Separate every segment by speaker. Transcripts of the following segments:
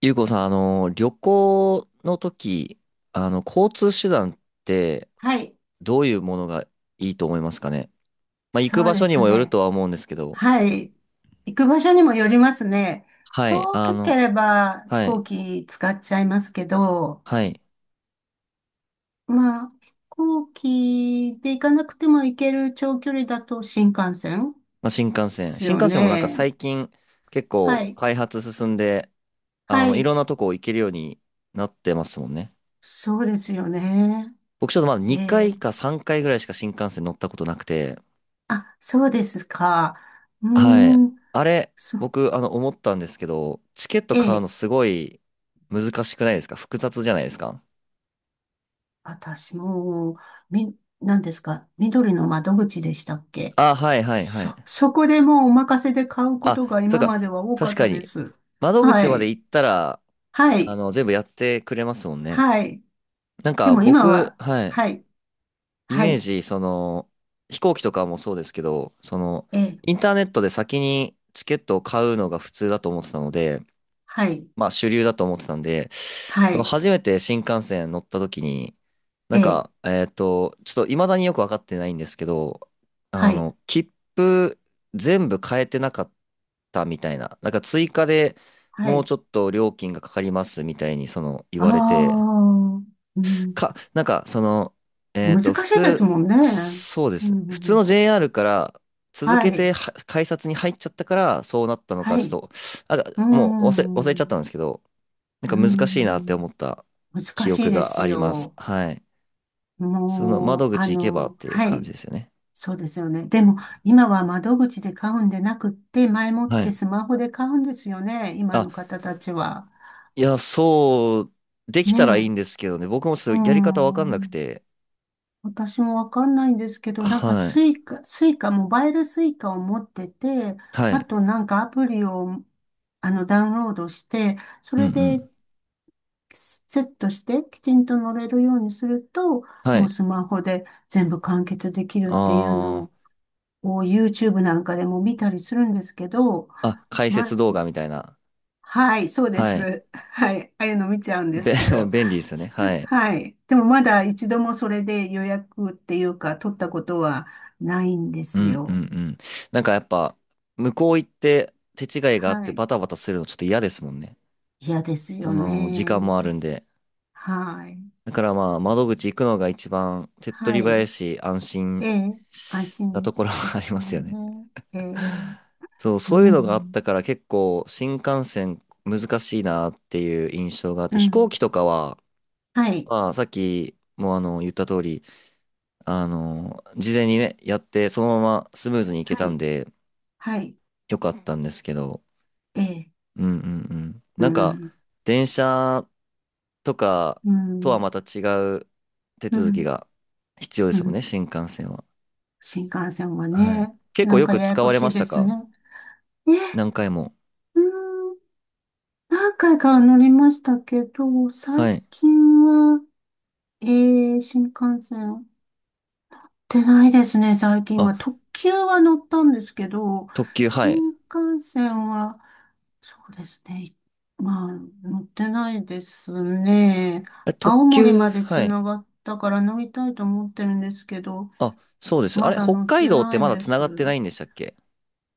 Speaker 1: ゆうこさん、旅行の時、交通手段って
Speaker 2: はい。
Speaker 1: どういうものがいいと思いますかね。まあ、行く
Speaker 2: そう
Speaker 1: 場
Speaker 2: で
Speaker 1: 所に
Speaker 2: す
Speaker 1: もよる
Speaker 2: ね。
Speaker 1: とは思うんですけど、
Speaker 2: はい。行く場所にもよりますね。
Speaker 1: はい、
Speaker 2: 遠ければ飛
Speaker 1: はい、
Speaker 2: 行機使っちゃいますけど、
Speaker 1: はい。
Speaker 2: まあ、飛行機で行かなくても行ける長距離だと新幹線
Speaker 1: まあ、新幹
Speaker 2: で
Speaker 1: 線。
Speaker 2: す
Speaker 1: 新
Speaker 2: よ
Speaker 1: 幹線もなんか
Speaker 2: ね。
Speaker 1: 最近結
Speaker 2: は
Speaker 1: 構
Speaker 2: い。
Speaker 1: 開発進んで、
Speaker 2: は
Speaker 1: い
Speaker 2: い。
Speaker 1: ろんなとこ行けるようになってますもんね。
Speaker 2: そうですよね。
Speaker 1: 僕ちょっとまだ2
Speaker 2: え
Speaker 1: 回
Speaker 2: ー、
Speaker 1: か3回ぐらいしか新幹線乗ったことなくて、
Speaker 2: あ、そうですか。うー
Speaker 1: はい。
Speaker 2: ん、
Speaker 1: あれ、
Speaker 2: そ、
Speaker 1: 僕、思ったんですけど、チケット
Speaker 2: え
Speaker 1: 買う
Speaker 2: え、
Speaker 1: のすごい難しくないですか。複雑じゃないですか。
Speaker 2: 私も、み、何ですか、緑の窓口でしたっけ？
Speaker 1: あ、はいはいはい。
Speaker 2: そこでもうお任せで買うこ
Speaker 1: あ、
Speaker 2: とが
Speaker 1: そう
Speaker 2: 今
Speaker 1: か。
Speaker 2: までは多か
Speaker 1: 確
Speaker 2: っ
Speaker 1: か
Speaker 2: たで
Speaker 1: に。
Speaker 2: す。
Speaker 1: 窓
Speaker 2: は
Speaker 1: 口まで
Speaker 2: い。
Speaker 1: 行ったら、
Speaker 2: はい。
Speaker 1: 全部やってくれますもんね。
Speaker 2: はい。
Speaker 1: なん
Speaker 2: で
Speaker 1: か、
Speaker 2: も今
Speaker 1: 僕、
Speaker 2: は、
Speaker 1: はい。
Speaker 2: はい。
Speaker 1: イ
Speaker 2: は
Speaker 1: メー
Speaker 2: い。
Speaker 1: ジ、その、飛行機とかもそうですけど、その、
Speaker 2: ええ。
Speaker 1: インターネットで先にチケットを買うのが普通だと思ってたので、
Speaker 2: はい。
Speaker 1: まあ主流だと思ってたんで、
Speaker 2: は
Speaker 1: その
Speaker 2: い。
Speaker 1: 初めて新幹線乗った時に、な
Speaker 2: え
Speaker 1: ん
Speaker 2: え。
Speaker 1: か、ちょっと未だによくわかってないんですけど、
Speaker 2: はい。
Speaker 1: 切符全部変えてなかったみたいな、なんか追加で
Speaker 2: は
Speaker 1: もう
Speaker 2: い。
Speaker 1: ちょっと料金がかかりますみたいにその言
Speaker 2: あ
Speaker 1: われて、
Speaker 2: あ、うん。
Speaker 1: か、なんかその、
Speaker 2: 難
Speaker 1: 普
Speaker 2: しいです
Speaker 1: 通、
Speaker 2: もんね。
Speaker 1: そうで
Speaker 2: う
Speaker 1: す。普通
Speaker 2: ん。
Speaker 1: の JR から続
Speaker 2: は
Speaker 1: けて
Speaker 2: い。
Speaker 1: は改札に入っちゃったからそうなったのか、
Speaker 2: は
Speaker 1: ち
Speaker 2: い。
Speaker 1: ょっと、なん
Speaker 2: う
Speaker 1: かもう忘れ、忘れちゃったん
Speaker 2: ん。
Speaker 1: ですけど、なん
Speaker 2: う
Speaker 1: か難しいなって
Speaker 2: ん。
Speaker 1: 思った
Speaker 2: 難
Speaker 1: 記
Speaker 2: しい
Speaker 1: 憶
Speaker 2: で
Speaker 1: が
Speaker 2: す
Speaker 1: あります。
Speaker 2: よ。
Speaker 1: はい。その
Speaker 2: もう、
Speaker 1: 窓口行けばっていう
Speaker 2: は
Speaker 1: 感じ
Speaker 2: い。
Speaker 1: ですよね。
Speaker 2: そうですよね。でも、今は窓口で買うんでなくって、前もっ
Speaker 1: は
Speaker 2: て
Speaker 1: い。
Speaker 2: スマホで買うんですよね。今
Speaker 1: あ、
Speaker 2: の方たちは。
Speaker 1: いや、そう、でき
Speaker 2: ね
Speaker 1: たらいい
Speaker 2: え。
Speaker 1: んですけどね。僕もち
Speaker 2: う
Speaker 1: ょ
Speaker 2: ー
Speaker 1: っとやり方わかんなく
Speaker 2: ん。
Speaker 1: て。
Speaker 2: 私もわかんないんですけど、なんか
Speaker 1: はい。
Speaker 2: スイカ、スイカ、モバイルスイカを持ってて、
Speaker 1: は
Speaker 2: あ
Speaker 1: い。
Speaker 2: となんかアプリを、ダウンロードして、そ
Speaker 1: うんう
Speaker 2: れで
Speaker 1: ん。
Speaker 2: セットしてきちんと乗れるようにすると、
Speaker 1: は
Speaker 2: もう
Speaker 1: い。
Speaker 2: スマホで全部完結できるっていうの
Speaker 1: あ
Speaker 2: を
Speaker 1: ー。
Speaker 2: こう YouTube なんかでも見たりするんですけど、
Speaker 1: あ、解説
Speaker 2: ま、
Speaker 1: 動画みたいな。
Speaker 2: はい、そうで
Speaker 1: はい。
Speaker 2: す。はい、ああいうの見ちゃうんで
Speaker 1: べ、
Speaker 2: すけ ど、
Speaker 1: 便利ですよね。はい。
Speaker 2: はい。でもまだ一度もそれで予約っていうか取ったことはないんで
Speaker 1: う
Speaker 2: す
Speaker 1: んうん
Speaker 2: よ。
Speaker 1: うん。なんかやっぱ、向こう行って手違いがあっ
Speaker 2: は
Speaker 1: て
Speaker 2: い。
Speaker 1: バタバタするのちょっと嫌ですもんね。
Speaker 2: 嫌ですよ
Speaker 1: 時
Speaker 2: ね。
Speaker 1: 間もあるんで。
Speaker 2: はい。
Speaker 1: だからまあ、窓口行くのが一番手っ取
Speaker 2: は
Speaker 1: り早い
Speaker 2: い。
Speaker 1: し、安心
Speaker 2: ええ、安
Speaker 1: なと
Speaker 2: 心
Speaker 1: ころ
Speaker 2: で
Speaker 1: は あり
Speaker 2: す
Speaker 1: ま
Speaker 2: よ
Speaker 1: すよね。
Speaker 2: ね。ええ、
Speaker 1: そう、
Speaker 2: う
Speaker 1: そういうのがあっ
Speaker 2: ん、
Speaker 1: たから結構新幹線難しいなっていう印象があっ
Speaker 2: う
Speaker 1: て、飛行
Speaker 2: ん。
Speaker 1: 機とかは、
Speaker 2: はい、
Speaker 1: まあ、さっきも言った通り、事前にね、やってそのままスムーズに行け
Speaker 2: は
Speaker 1: たん
Speaker 2: い、
Speaker 1: で、
Speaker 2: はい。
Speaker 1: よかったんですけど、
Speaker 2: ええ、
Speaker 1: うんうんうん。
Speaker 2: う
Speaker 1: なんか、
Speaker 2: ん、
Speaker 1: 電車とか
Speaker 2: う
Speaker 1: とは
Speaker 2: ん、
Speaker 1: また違う手
Speaker 2: う
Speaker 1: 続き
Speaker 2: ん、
Speaker 1: が必要で
Speaker 2: う
Speaker 1: すもん
Speaker 2: ん。
Speaker 1: ね、新幹線は。
Speaker 2: 新幹線は
Speaker 1: はい。
Speaker 2: ね、
Speaker 1: 結構
Speaker 2: なん
Speaker 1: よ
Speaker 2: か
Speaker 1: く
Speaker 2: やや
Speaker 1: 使
Speaker 2: こ
Speaker 1: われ
Speaker 2: し
Speaker 1: ま
Speaker 2: い
Speaker 1: し
Speaker 2: で
Speaker 1: た
Speaker 2: す
Speaker 1: か。
Speaker 2: ね。え、
Speaker 1: 何回も。
Speaker 2: うーん、何回か乗りましたけど、最
Speaker 1: はい。
Speaker 2: 近は、え新幹線乗ってないですね、最近
Speaker 1: あ、
Speaker 2: は。特急は乗ったんですけど、
Speaker 1: 特急、はい。
Speaker 2: 新幹線は、そうですね、まあ、乗ってないですね。
Speaker 1: え、特
Speaker 2: 青森ま
Speaker 1: 急、
Speaker 2: でつ
Speaker 1: はい。
Speaker 2: ながったから乗りたいと思ってるんですけど、
Speaker 1: あ、そうです。あ
Speaker 2: ま
Speaker 1: れ、
Speaker 2: だ
Speaker 1: 北
Speaker 2: 乗っ
Speaker 1: 海
Speaker 2: て
Speaker 1: 道って
Speaker 2: ない
Speaker 1: まだ
Speaker 2: で
Speaker 1: 繋がってな
Speaker 2: す。
Speaker 1: いんでしたっけ。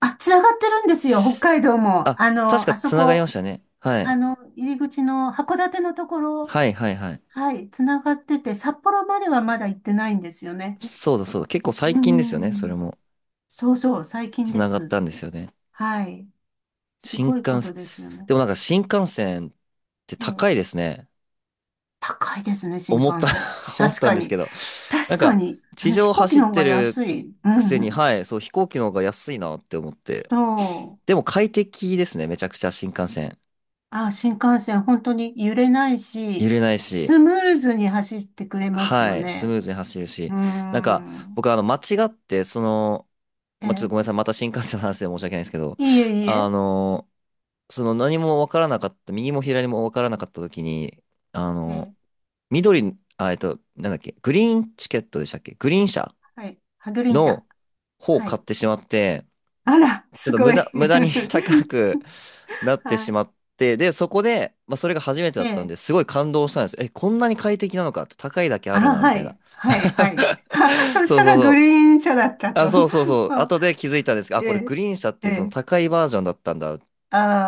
Speaker 2: あ、つながってるんですよ、北海道
Speaker 1: あ、
Speaker 2: も。
Speaker 1: 確か
Speaker 2: あそ
Speaker 1: 繋がりま
Speaker 2: こ、
Speaker 1: したね。はい。
Speaker 2: 入り口の函館のところ、
Speaker 1: はい、はい、はい。
Speaker 2: はい、つながってて、札幌まではまだ行ってないんですよね。
Speaker 1: そうだ、そうだ。結構最
Speaker 2: う
Speaker 1: 近ですよね。それ
Speaker 2: ん。
Speaker 1: も。
Speaker 2: そうそう、最近で
Speaker 1: 繋がっ
Speaker 2: す。
Speaker 1: たんですよね。
Speaker 2: はい。す
Speaker 1: 新
Speaker 2: ごいこ
Speaker 1: 幹
Speaker 2: と
Speaker 1: 線。
Speaker 2: ですよね。
Speaker 1: でもなんか新幹線って
Speaker 2: ええ、
Speaker 1: 高いですね。
Speaker 2: 高いですね、新
Speaker 1: 思っ
Speaker 2: 幹
Speaker 1: た
Speaker 2: 線。
Speaker 1: 思っ
Speaker 2: 確
Speaker 1: たん
Speaker 2: か
Speaker 1: です
Speaker 2: に。
Speaker 1: けど。なん
Speaker 2: 確か
Speaker 1: か、
Speaker 2: に。
Speaker 1: 地
Speaker 2: 飛
Speaker 1: 上
Speaker 2: 行機
Speaker 1: 走っ
Speaker 2: の方
Speaker 1: て
Speaker 2: が
Speaker 1: る
Speaker 2: 安い。うん、
Speaker 1: くせ
Speaker 2: う
Speaker 1: に、
Speaker 2: ん。
Speaker 1: はい、そう、飛行機の方が安いなって思って。
Speaker 2: そ
Speaker 1: で
Speaker 2: う。
Speaker 1: も快適ですね、めちゃくちゃ新幹線。
Speaker 2: あ、新幹線、本当に揺れない
Speaker 1: 揺
Speaker 2: し、
Speaker 1: れないし、
Speaker 2: スムーズに走ってくれますよ
Speaker 1: はい、スム
Speaker 2: ね。
Speaker 1: ーズに走る
Speaker 2: う
Speaker 1: し。
Speaker 2: ー
Speaker 1: なんか、
Speaker 2: ん。
Speaker 1: 僕、間違って、その、
Speaker 2: え
Speaker 1: まあ、ちょっと
Speaker 2: ー、
Speaker 1: ごめんなさい、また新幹線の話で申し訳ないんですけど、
Speaker 2: いえいえ。
Speaker 1: あの、その何もわからなかった、右も左もわからなかった時に、あ
Speaker 2: え
Speaker 1: の、
Speaker 2: ー、
Speaker 1: 緑、あ、なんだっけ、グリーンチケットでしたっけ。グリーン車
Speaker 2: はい。ハグリン社。
Speaker 1: の方を
Speaker 2: は
Speaker 1: 買っ
Speaker 2: い。
Speaker 1: てしまって、
Speaker 2: あら、
Speaker 1: ちょっ
Speaker 2: す
Speaker 1: と無
Speaker 2: ご
Speaker 1: 駄、
Speaker 2: い。
Speaker 1: 無駄に 高くなって
Speaker 2: は
Speaker 1: し
Speaker 2: い。
Speaker 1: まって、で、そこで、まあ、それが初めて
Speaker 2: え
Speaker 1: だったん
Speaker 2: ー、
Speaker 1: で、すごい感動したんですよ。え、こんなに快適なのかと、高いだけあ
Speaker 2: あ、
Speaker 1: るな、み
Speaker 2: は
Speaker 1: たいな。
Speaker 2: い。はい、はい。そし
Speaker 1: そう
Speaker 2: た
Speaker 1: そう
Speaker 2: らグ
Speaker 1: そ
Speaker 2: リ
Speaker 1: う。
Speaker 2: ーン車だったと。
Speaker 1: あ、そうそうそ う。
Speaker 2: あ、
Speaker 1: 後で気づい
Speaker 2: そ
Speaker 1: たんですが、あ、これ
Speaker 2: え
Speaker 1: グリーン車っ
Speaker 2: ー、
Speaker 1: て
Speaker 2: え
Speaker 1: いうその
Speaker 2: ー、
Speaker 1: 高いバージョンだったんだっ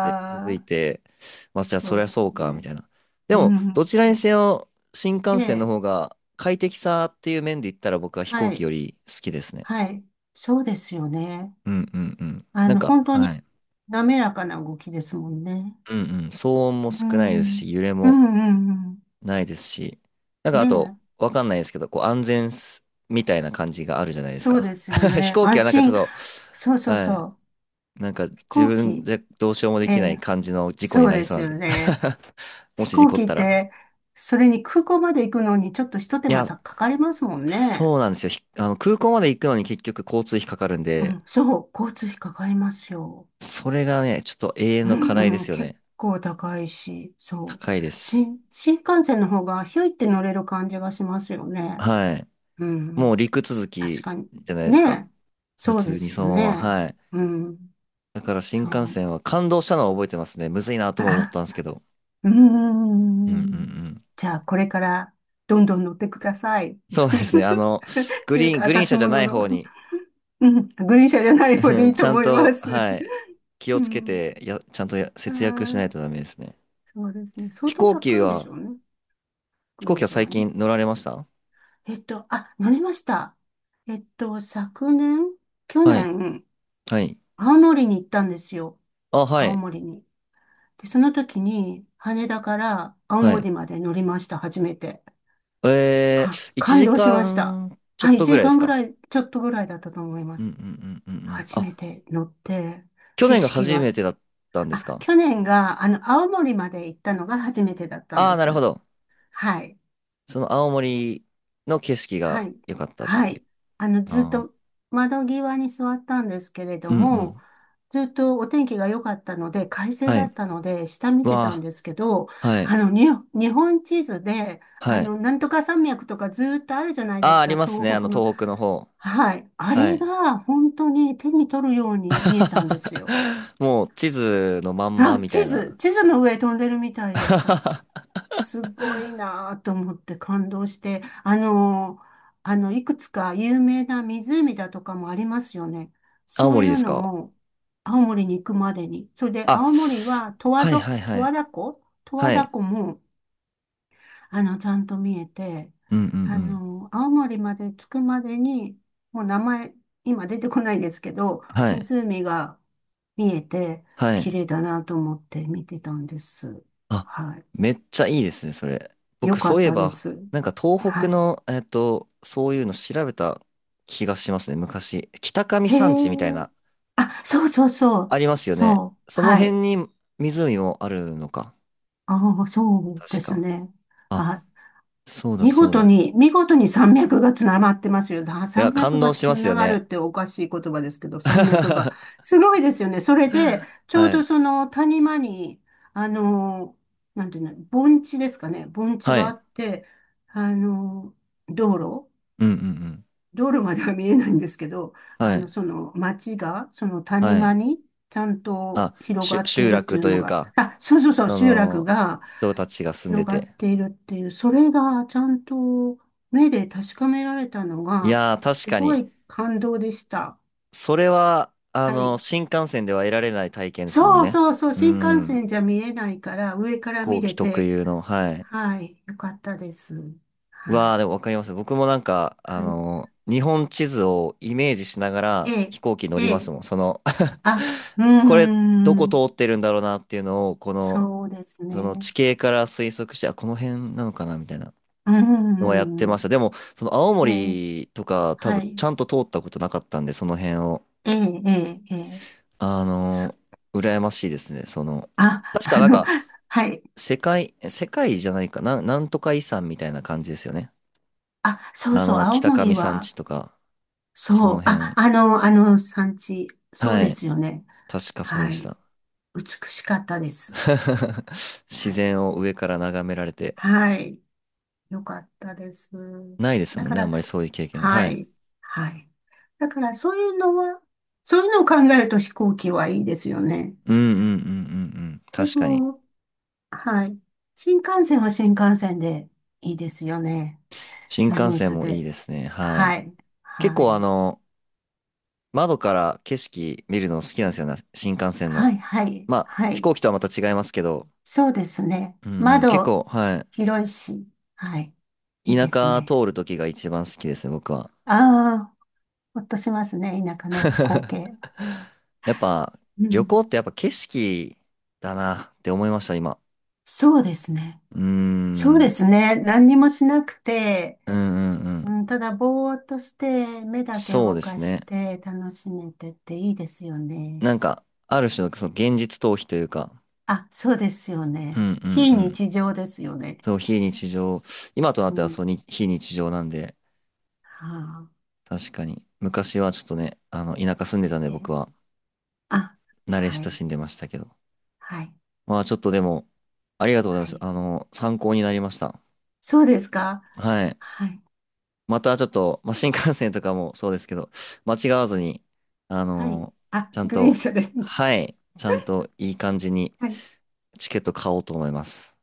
Speaker 1: て気づい
Speaker 2: ー、
Speaker 1: て、まあ、じゃあ
Speaker 2: そ
Speaker 1: そ
Speaker 2: う
Speaker 1: りゃ
Speaker 2: で
Speaker 1: そう
Speaker 2: す
Speaker 1: か、みた
Speaker 2: ね。
Speaker 1: いな。で
Speaker 2: う
Speaker 1: も、
Speaker 2: ん。
Speaker 1: どちらにせよ、新
Speaker 2: え
Speaker 1: 幹線の
Speaker 2: え、
Speaker 1: 方が快適さっていう面で言ったら僕は飛
Speaker 2: は
Speaker 1: 行機
Speaker 2: い、
Speaker 1: より好きですね。
Speaker 2: はい。そうですよね。
Speaker 1: うんうんうん。なんか、
Speaker 2: 本当に
Speaker 1: はい。
Speaker 2: 滑らかな動きですもんね。
Speaker 1: うんうん。騒音も
Speaker 2: う
Speaker 1: 少ないです
Speaker 2: ん。うん、
Speaker 1: し、揺れ
Speaker 2: う
Speaker 1: も。
Speaker 2: ん、うん。
Speaker 1: ないですし、なんか
Speaker 2: ね
Speaker 1: あと、
Speaker 2: え。
Speaker 1: わかんないですけど、こう安全すみたいな感じがあるじゃないです
Speaker 2: そう
Speaker 1: か。
Speaker 2: ですよ
Speaker 1: 飛
Speaker 2: ね。
Speaker 1: 行機
Speaker 2: 安
Speaker 1: はなんかちょ
Speaker 2: 心。
Speaker 1: っ
Speaker 2: そう
Speaker 1: と、
Speaker 2: そう
Speaker 1: は
Speaker 2: そ
Speaker 1: い、
Speaker 2: う。
Speaker 1: なんか
Speaker 2: 飛
Speaker 1: 自
Speaker 2: 行
Speaker 1: 分
Speaker 2: 機。
Speaker 1: じゃどうしようもで
Speaker 2: え
Speaker 1: きない
Speaker 2: え、
Speaker 1: 感じの事故に
Speaker 2: そう
Speaker 1: なり
Speaker 2: で
Speaker 1: そう
Speaker 2: す
Speaker 1: なん
Speaker 2: よ
Speaker 1: で。
Speaker 2: ね。
Speaker 1: も
Speaker 2: 飛
Speaker 1: し事
Speaker 2: 行
Speaker 1: 故っ
Speaker 2: 機っ
Speaker 1: たら。
Speaker 2: て、それに空港まで行くのにちょっとひと手
Speaker 1: い
Speaker 2: 間
Speaker 1: や、
Speaker 2: たかかりますもんね。
Speaker 1: そうなんですよ。ひ空港まで行くのに結局交通費かかるん
Speaker 2: う
Speaker 1: で、
Speaker 2: ん、そう。交通費かかりますよ。
Speaker 1: それがね、ちょっと永遠
Speaker 2: う
Speaker 1: の課題で
Speaker 2: ん、うん
Speaker 1: すよ
Speaker 2: 結
Speaker 1: ね。
Speaker 2: 構高いし、そう。
Speaker 1: 高いです。
Speaker 2: 新幹線の方がひょいって乗れる感じがしますよね。
Speaker 1: はい。
Speaker 2: う
Speaker 1: も
Speaker 2: ん、
Speaker 1: う陸続
Speaker 2: 確
Speaker 1: き
Speaker 2: かに。
Speaker 1: じゃないです
Speaker 2: ね
Speaker 1: か。
Speaker 2: え。
Speaker 1: 普
Speaker 2: そうで
Speaker 1: 通に
Speaker 2: す
Speaker 1: そ
Speaker 2: よ
Speaker 1: のまま。
Speaker 2: ね。
Speaker 1: はい。
Speaker 2: うん、
Speaker 1: だから新
Speaker 2: そ
Speaker 1: 幹
Speaker 2: う。
Speaker 1: 線は感動したのは覚えてますね。むずいな とも思った
Speaker 2: あ
Speaker 1: んですけど。
Speaker 2: うー
Speaker 1: うんうんう
Speaker 2: ん。
Speaker 1: ん。
Speaker 2: じゃあ、これからどんどん乗ってください。
Speaker 1: そうですね。
Speaker 2: っ
Speaker 1: グ
Speaker 2: ていう
Speaker 1: リーン、
Speaker 2: か、
Speaker 1: グリーン
Speaker 2: 私
Speaker 1: 車じゃ
Speaker 2: も
Speaker 1: な
Speaker 2: 乗
Speaker 1: い
Speaker 2: ろ
Speaker 1: 方に、
Speaker 2: う。うん。グリーン車じゃない 方
Speaker 1: う
Speaker 2: で
Speaker 1: ん
Speaker 2: いい
Speaker 1: ち
Speaker 2: と
Speaker 1: ゃん
Speaker 2: 思いま
Speaker 1: と、
Speaker 2: す。
Speaker 1: はい、気
Speaker 2: う
Speaker 1: をつけ
Speaker 2: ん。
Speaker 1: て、や、ちゃんと
Speaker 2: あ
Speaker 1: 節約しない
Speaker 2: ー、
Speaker 1: とダメですね。
Speaker 2: そうですね。相
Speaker 1: 飛
Speaker 2: 当
Speaker 1: 行機
Speaker 2: 高いでし
Speaker 1: は、
Speaker 2: ょうね。
Speaker 1: 飛
Speaker 2: グ
Speaker 1: 行
Speaker 2: リー
Speaker 1: 機
Speaker 2: ン
Speaker 1: は
Speaker 2: 車
Speaker 1: 最
Speaker 2: はね。
Speaker 1: 近乗られました。
Speaker 2: あ、乗りました。昨年、去
Speaker 1: はい。
Speaker 2: 年、
Speaker 1: はい。
Speaker 2: 青森に行ったんですよ。
Speaker 1: あ、は
Speaker 2: 青
Speaker 1: い。
Speaker 2: 森に。で、その時に、羽田から青
Speaker 1: は
Speaker 2: 森
Speaker 1: い。
Speaker 2: まで乗りました。初めて。
Speaker 1: えー、1
Speaker 2: 感動しま
Speaker 1: 時
Speaker 2: した。
Speaker 1: 間ちょ
Speaker 2: は
Speaker 1: っ
Speaker 2: い、
Speaker 1: と
Speaker 2: 1
Speaker 1: ぐらいで
Speaker 2: 時間
Speaker 1: す
Speaker 2: ぐ
Speaker 1: か。
Speaker 2: らい、ちょっとぐらいだったと思いま
Speaker 1: うんう
Speaker 2: す。
Speaker 1: んうんうんうん。
Speaker 2: 初
Speaker 1: あ、
Speaker 2: めて乗って、
Speaker 1: 去
Speaker 2: 景
Speaker 1: 年が
Speaker 2: 色
Speaker 1: 初
Speaker 2: が、
Speaker 1: めてだったんです
Speaker 2: あ、
Speaker 1: か。
Speaker 2: 去年が、青森まで行ったのが初めてだったん
Speaker 1: ああ
Speaker 2: で
Speaker 1: ー、なるほ
Speaker 2: す。
Speaker 1: ど。
Speaker 2: はい、
Speaker 1: その青森の景色
Speaker 2: は
Speaker 1: が
Speaker 2: い、
Speaker 1: 良かったっ
Speaker 2: は
Speaker 1: ていう。
Speaker 2: い。ずっ
Speaker 1: あー、
Speaker 2: と窓際に座ったんですけれど
Speaker 1: うんう
Speaker 2: も、
Speaker 1: ん。
Speaker 2: ずっとお天気が良かったので、快晴
Speaker 1: は
Speaker 2: だ
Speaker 1: い。
Speaker 2: ったので、下見てたん
Speaker 1: わ
Speaker 2: ですけど、
Speaker 1: あ、はい。
Speaker 2: あの、に、日本地図で、
Speaker 1: はい。
Speaker 2: なんとか山脈とかずっとあるじゃないで
Speaker 1: ああ、
Speaker 2: す
Speaker 1: あ
Speaker 2: か、
Speaker 1: ります
Speaker 2: 東
Speaker 1: ね。
Speaker 2: 北の。
Speaker 1: 東北の方。
Speaker 2: はい。あ
Speaker 1: は
Speaker 2: れ
Speaker 1: い。
Speaker 2: が本当に手に取るように見えたんですよ。
Speaker 1: もう、地図のまんま
Speaker 2: あ、
Speaker 1: みたいな。
Speaker 2: 地図の上飛んでるみたいでした。すごいなぁと思って感動して、いくつか有名な湖だとかもありますよね。
Speaker 1: 青
Speaker 2: そうい
Speaker 1: 森で
Speaker 2: う
Speaker 1: す
Speaker 2: の
Speaker 1: か。
Speaker 2: も、青森に行くまでに。それで、
Speaker 1: あ、
Speaker 2: 青森は
Speaker 1: はいはい
Speaker 2: 十
Speaker 1: は
Speaker 2: 和
Speaker 1: い。
Speaker 2: 田湖
Speaker 1: はい。
Speaker 2: も、ちゃんと見えて、
Speaker 1: うんうんうん。
Speaker 2: 青森まで着くまでに、もう名前、今出てこないですけど、
Speaker 1: はい。
Speaker 2: 湖が見えて、
Speaker 1: は
Speaker 2: 綺
Speaker 1: い。
Speaker 2: 麗だなと思って見てたんです。
Speaker 1: あ、
Speaker 2: は
Speaker 1: めっちゃいいですね、それ。
Speaker 2: い。よ
Speaker 1: 僕、
Speaker 2: か
Speaker 1: そう
Speaker 2: っ
Speaker 1: いえ
Speaker 2: たで
Speaker 1: ば、
Speaker 2: す。
Speaker 1: なんか東
Speaker 2: は
Speaker 1: 北
Speaker 2: い。
Speaker 1: の、そういうの調べた気がしますね、昔。北上
Speaker 2: へ
Speaker 1: 山地みたい
Speaker 2: え。
Speaker 1: な
Speaker 2: あ、そうそうそ
Speaker 1: あ
Speaker 2: う。
Speaker 1: りますよね。
Speaker 2: そう。
Speaker 1: その
Speaker 2: は
Speaker 1: 辺
Speaker 2: い。
Speaker 1: に湖もあるのか。
Speaker 2: ああ、そうで
Speaker 1: 確
Speaker 2: す
Speaker 1: か。
Speaker 2: ね。
Speaker 1: あ、
Speaker 2: はい。
Speaker 1: そうだ
Speaker 2: 見
Speaker 1: そう
Speaker 2: 事
Speaker 1: だ。
Speaker 2: に、見事に山脈がつながってますよ。
Speaker 1: いや、
Speaker 2: 山
Speaker 1: 感
Speaker 2: 脈が
Speaker 1: 動し
Speaker 2: つ
Speaker 1: ますよ
Speaker 2: ながるっ
Speaker 1: ね。
Speaker 2: ておかしい言葉ですけど、山脈が。
Speaker 1: は
Speaker 2: すごいですよね。それで、ちょうど
Speaker 1: い。
Speaker 2: その谷間に、あの、なんていうの、盆地ですかね。盆地
Speaker 1: は
Speaker 2: があ
Speaker 1: い。
Speaker 2: って、あの、道路、
Speaker 1: うんうんうん。
Speaker 2: 道路までは見えないんですけど、
Speaker 1: はい。
Speaker 2: その町が、その谷
Speaker 1: は
Speaker 2: 間
Speaker 1: い。
Speaker 2: に、ちゃんと
Speaker 1: あ、
Speaker 2: 広がって
Speaker 1: 集
Speaker 2: いるって
Speaker 1: 落
Speaker 2: いう
Speaker 1: と
Speaker 2: の
Speaker 1: いう
Speaker 2: が、
Speaker 1: か、
Speaker 2: あ、そうそうそう、
Speaker 1: そ
Speaker 2: 集落
Speaker 1: の、
Speaker 2: が、
Speaker 1: 人たちが住んで
Speaker 2: 広がっ
Speaker 1: て。
Speaker 2: ているっていう、それがちゃんと目で確かめられたの
Speaker 1: い
Speaker 2: が、
Speaker 1: やー、確
Speaker 2: す
Speaker 1: か
Speaker 2: ご
Speaker 1: に。
Speaker 2: い感動でした。
Speaker 1: それは、
Speaker 2: はい。
Speaker 1: 新幹線では得られない体験ですもん
Speaker 2: そう
Speaker 1: ね。
Speaker 2: そうそう、
Speaker 1: う
Speaker 2: 新幹
Speaker 1: ん。
Speaker 2: 線じゃ見えないから、上か
Speaker 1: 飛
Speaker 2: ら見
Speaker 1: 行機
Speaker 2: れ
Speaker 1: 特
Speaker 2: て、
Speaker 1: 有の、はい。
Speaker 2: はい、よかったです。は
Speaker 1: わあ、
Speaker 2: い。
Speaker 1: でもわかります。僕もなんか、あ
Speaker 2: はい。
Speaker 1: の日本地図をイメージしなが
Speaker 2: え
Speaker 1: ら
Speaker 2: え、
Speaker 1: 飛行機乗り
Speaker 2: え
Speaker 1: ます
Speaker 2: え、
Speaker 1: もん。その
Speaker 2: あ、
Speaker 1: これ、どこ通ってるんだろうなっていうのを、この、
Speaker 2: そうです
Speaker 1: その
Speaker 2: ね。
Speaker 1: 地形から推測して、あ、この辺なのかなみたいな
Speaker 2: うー
Speaker 1: のはやってまし
Speaker 2: ん、
Speaker 1: た。でも、その青
Speaker 2: ええ、
Speaker 1: 森とか多
Speaker 2: は
Speaker 1: 分
Speaker 2: い。
Speaker 1: ちゃんと通ったことなかったんで、その辺を。
Speaker 2: ええ、ええ、ええ。
Speaker 1: あ
Speaker 2: す
Speaker 1: の羨ましいですね。その、
Speaker 2: あ、
Speaker 1: 確かなんか、
Speaker 2: はい。
Speaker 1: 世界じゃないかな、なんとか遺産みたいな感じですよね。
Speaker 2: あ、そうそう、青
Speaker 1: 北
Speaker 2: 森
Speaker 1: 上山
Speaker 2: は、
Speaker 1: 地とか、そ
Speaker 2: そ
Speaker 1: の
Speaker 2: う。あ、
Speaker 1: 辺。
Speaker 2: あの産地。そう
Speaker 1: は
Speaker 2: で
Speaker 1: い。
Speaker 2: すよね。
Speaker 1: 確かそうで
Speaker 2: は
Speaker 1: し
Speaker 2: い。
Speaker 1: た。
Speaker 2: 美しかったです。
Speaker 1: 自
Speaker 2: はい。
Speaker 1: 然を上から眺められて、
Speaker 2: はい。よかったです。
Speaker 1: ないです
Speaker 2: だ
Speaker 1: もん
Speaker 2: か
Speaker 1: ね、あん
Speaker 2: ら、
Speaker 1: まりそういう経験は。
Speaker 2: は
Speaker 1: はい。
Speaker 2: い。はい。だから、そういうのは、そういうのを考えると飛行機はいいですよね。
Speaker 1: うんうんうんうんうん。
Speaker 2: で
Speaker 1: 確かに。
Speaker 2: も、はい。新幹線は新幹線でいいですよね。
Speaker 1: 新
Speaker 2: ス
Speaker 1: 幹
Speaker 2: ムー
Speaker 1: 線
Speaker 2: ズ
Speaker 1: もいい
Speaker 2: で。
Speaker 1: ですね。は
Speaker 2: は
Speaker 1: い。
Speaker 2: い。
Speaker 1: 結
Speaker 2: は
Speaker 1: 構
Speaker 2: い。
Speaker 1: 窓から景色見るの好きなんですよね、新幹線
Speaker 2: は
Speaker 1: の。
Speaker 2: い、はい、
Speaker 1: まあ、
Speaker 2: は
Speaker 1: 飛
Speaker 2: い。
Speaker 1: 行機とはまた違いますけど、
Speaker 2: そうですね。
Speaker 1: うんうん。結
Speaker 2: 窓、
Speaker 1: 構、は
Speaker 2: 広いし、はい。い
Speaker 1: い。
Speaker 2: い
Speaker 1: 田
Speaker 2: です
Speaker 1: 舎
Speaker 2: ね。
Speaker 1: 通る時が一番好きですね、僕は。
Speaker 2: ああ、ほっとしますね。田舎の光景。
Speaker 1: やっぱ、
Speaker 2: う
Speaker 1: 旅行
Speaker 2: ん。
Speaker 1: ってやっぱ景色だなって思いました、今。
Speaker 2: そうですね。
Speaker 1: うー
Speaker 2: そうで
Speaker 1: ん。
Speaker 2: すね。何にもしなくて、
Speaker 1: うんうんうん。
Speaker 2: うん、ただぼーっとして、目だけ
Speaker 1: そう
Speaker 2: 動
Speaker 1: で
Speaker 2: か
Speaker 1: す
Speaker 2: し
Speaker 1: ね。
Speaker 2: て楽しめてっていいですよね。
Speaker 1: なんか、ある種のその現実逃避というか、
Speaker 2: あ、そうですよ
Speaker 1: うんう
Speaker 2: ね。
Speaker 1: ん
Speaker 2: 非
Speaker 1: うん。
Speaker 2: 日常ですよね。
Speaker 1: そう、非日常、今とな
Speaker 2: う
Speaker 1: っては
Speaker 2: ん。
Speaker 1: そうに、非日常なんで、
Speaker 2: はあ、
Speaker 1: 確かに。昔はちょっとね、田舎住んでたんで
Speaker 2: え、
Speaker 1: 僕は
Speaker 2: あ、
Speaker 1: 慣れ
Speaker 2: は
Speaker 1: 親
Speaker 2: い、
Speaker 1: しんでましたけど。
Speaker 2: はい、
Speaker 1: まあちょっとでも、ありがとうございま
Speaker 2: は
Speaker 1: す。
Speaker 2: い。
Speaker 1: 参考になりました。
Speaker 2: そうですか。
Speaker 1: はい。
Speaker 2: はい。
Speaker 1: またちょっと、まあ、新幹線とかも そうですけど、間違わずに、あ
Speaker 2: はい。
Speaker 1: の、
Speaker 2: あ、
Speaker 1: ちゃん
Speaker 2: グリーン
Speaker 1: と、
Speaker 2: 車ですね。
Speaker 1: はい、ちゃんといい感じに
Speaker 2: はい
Speaker 1: チケット買おうと思います。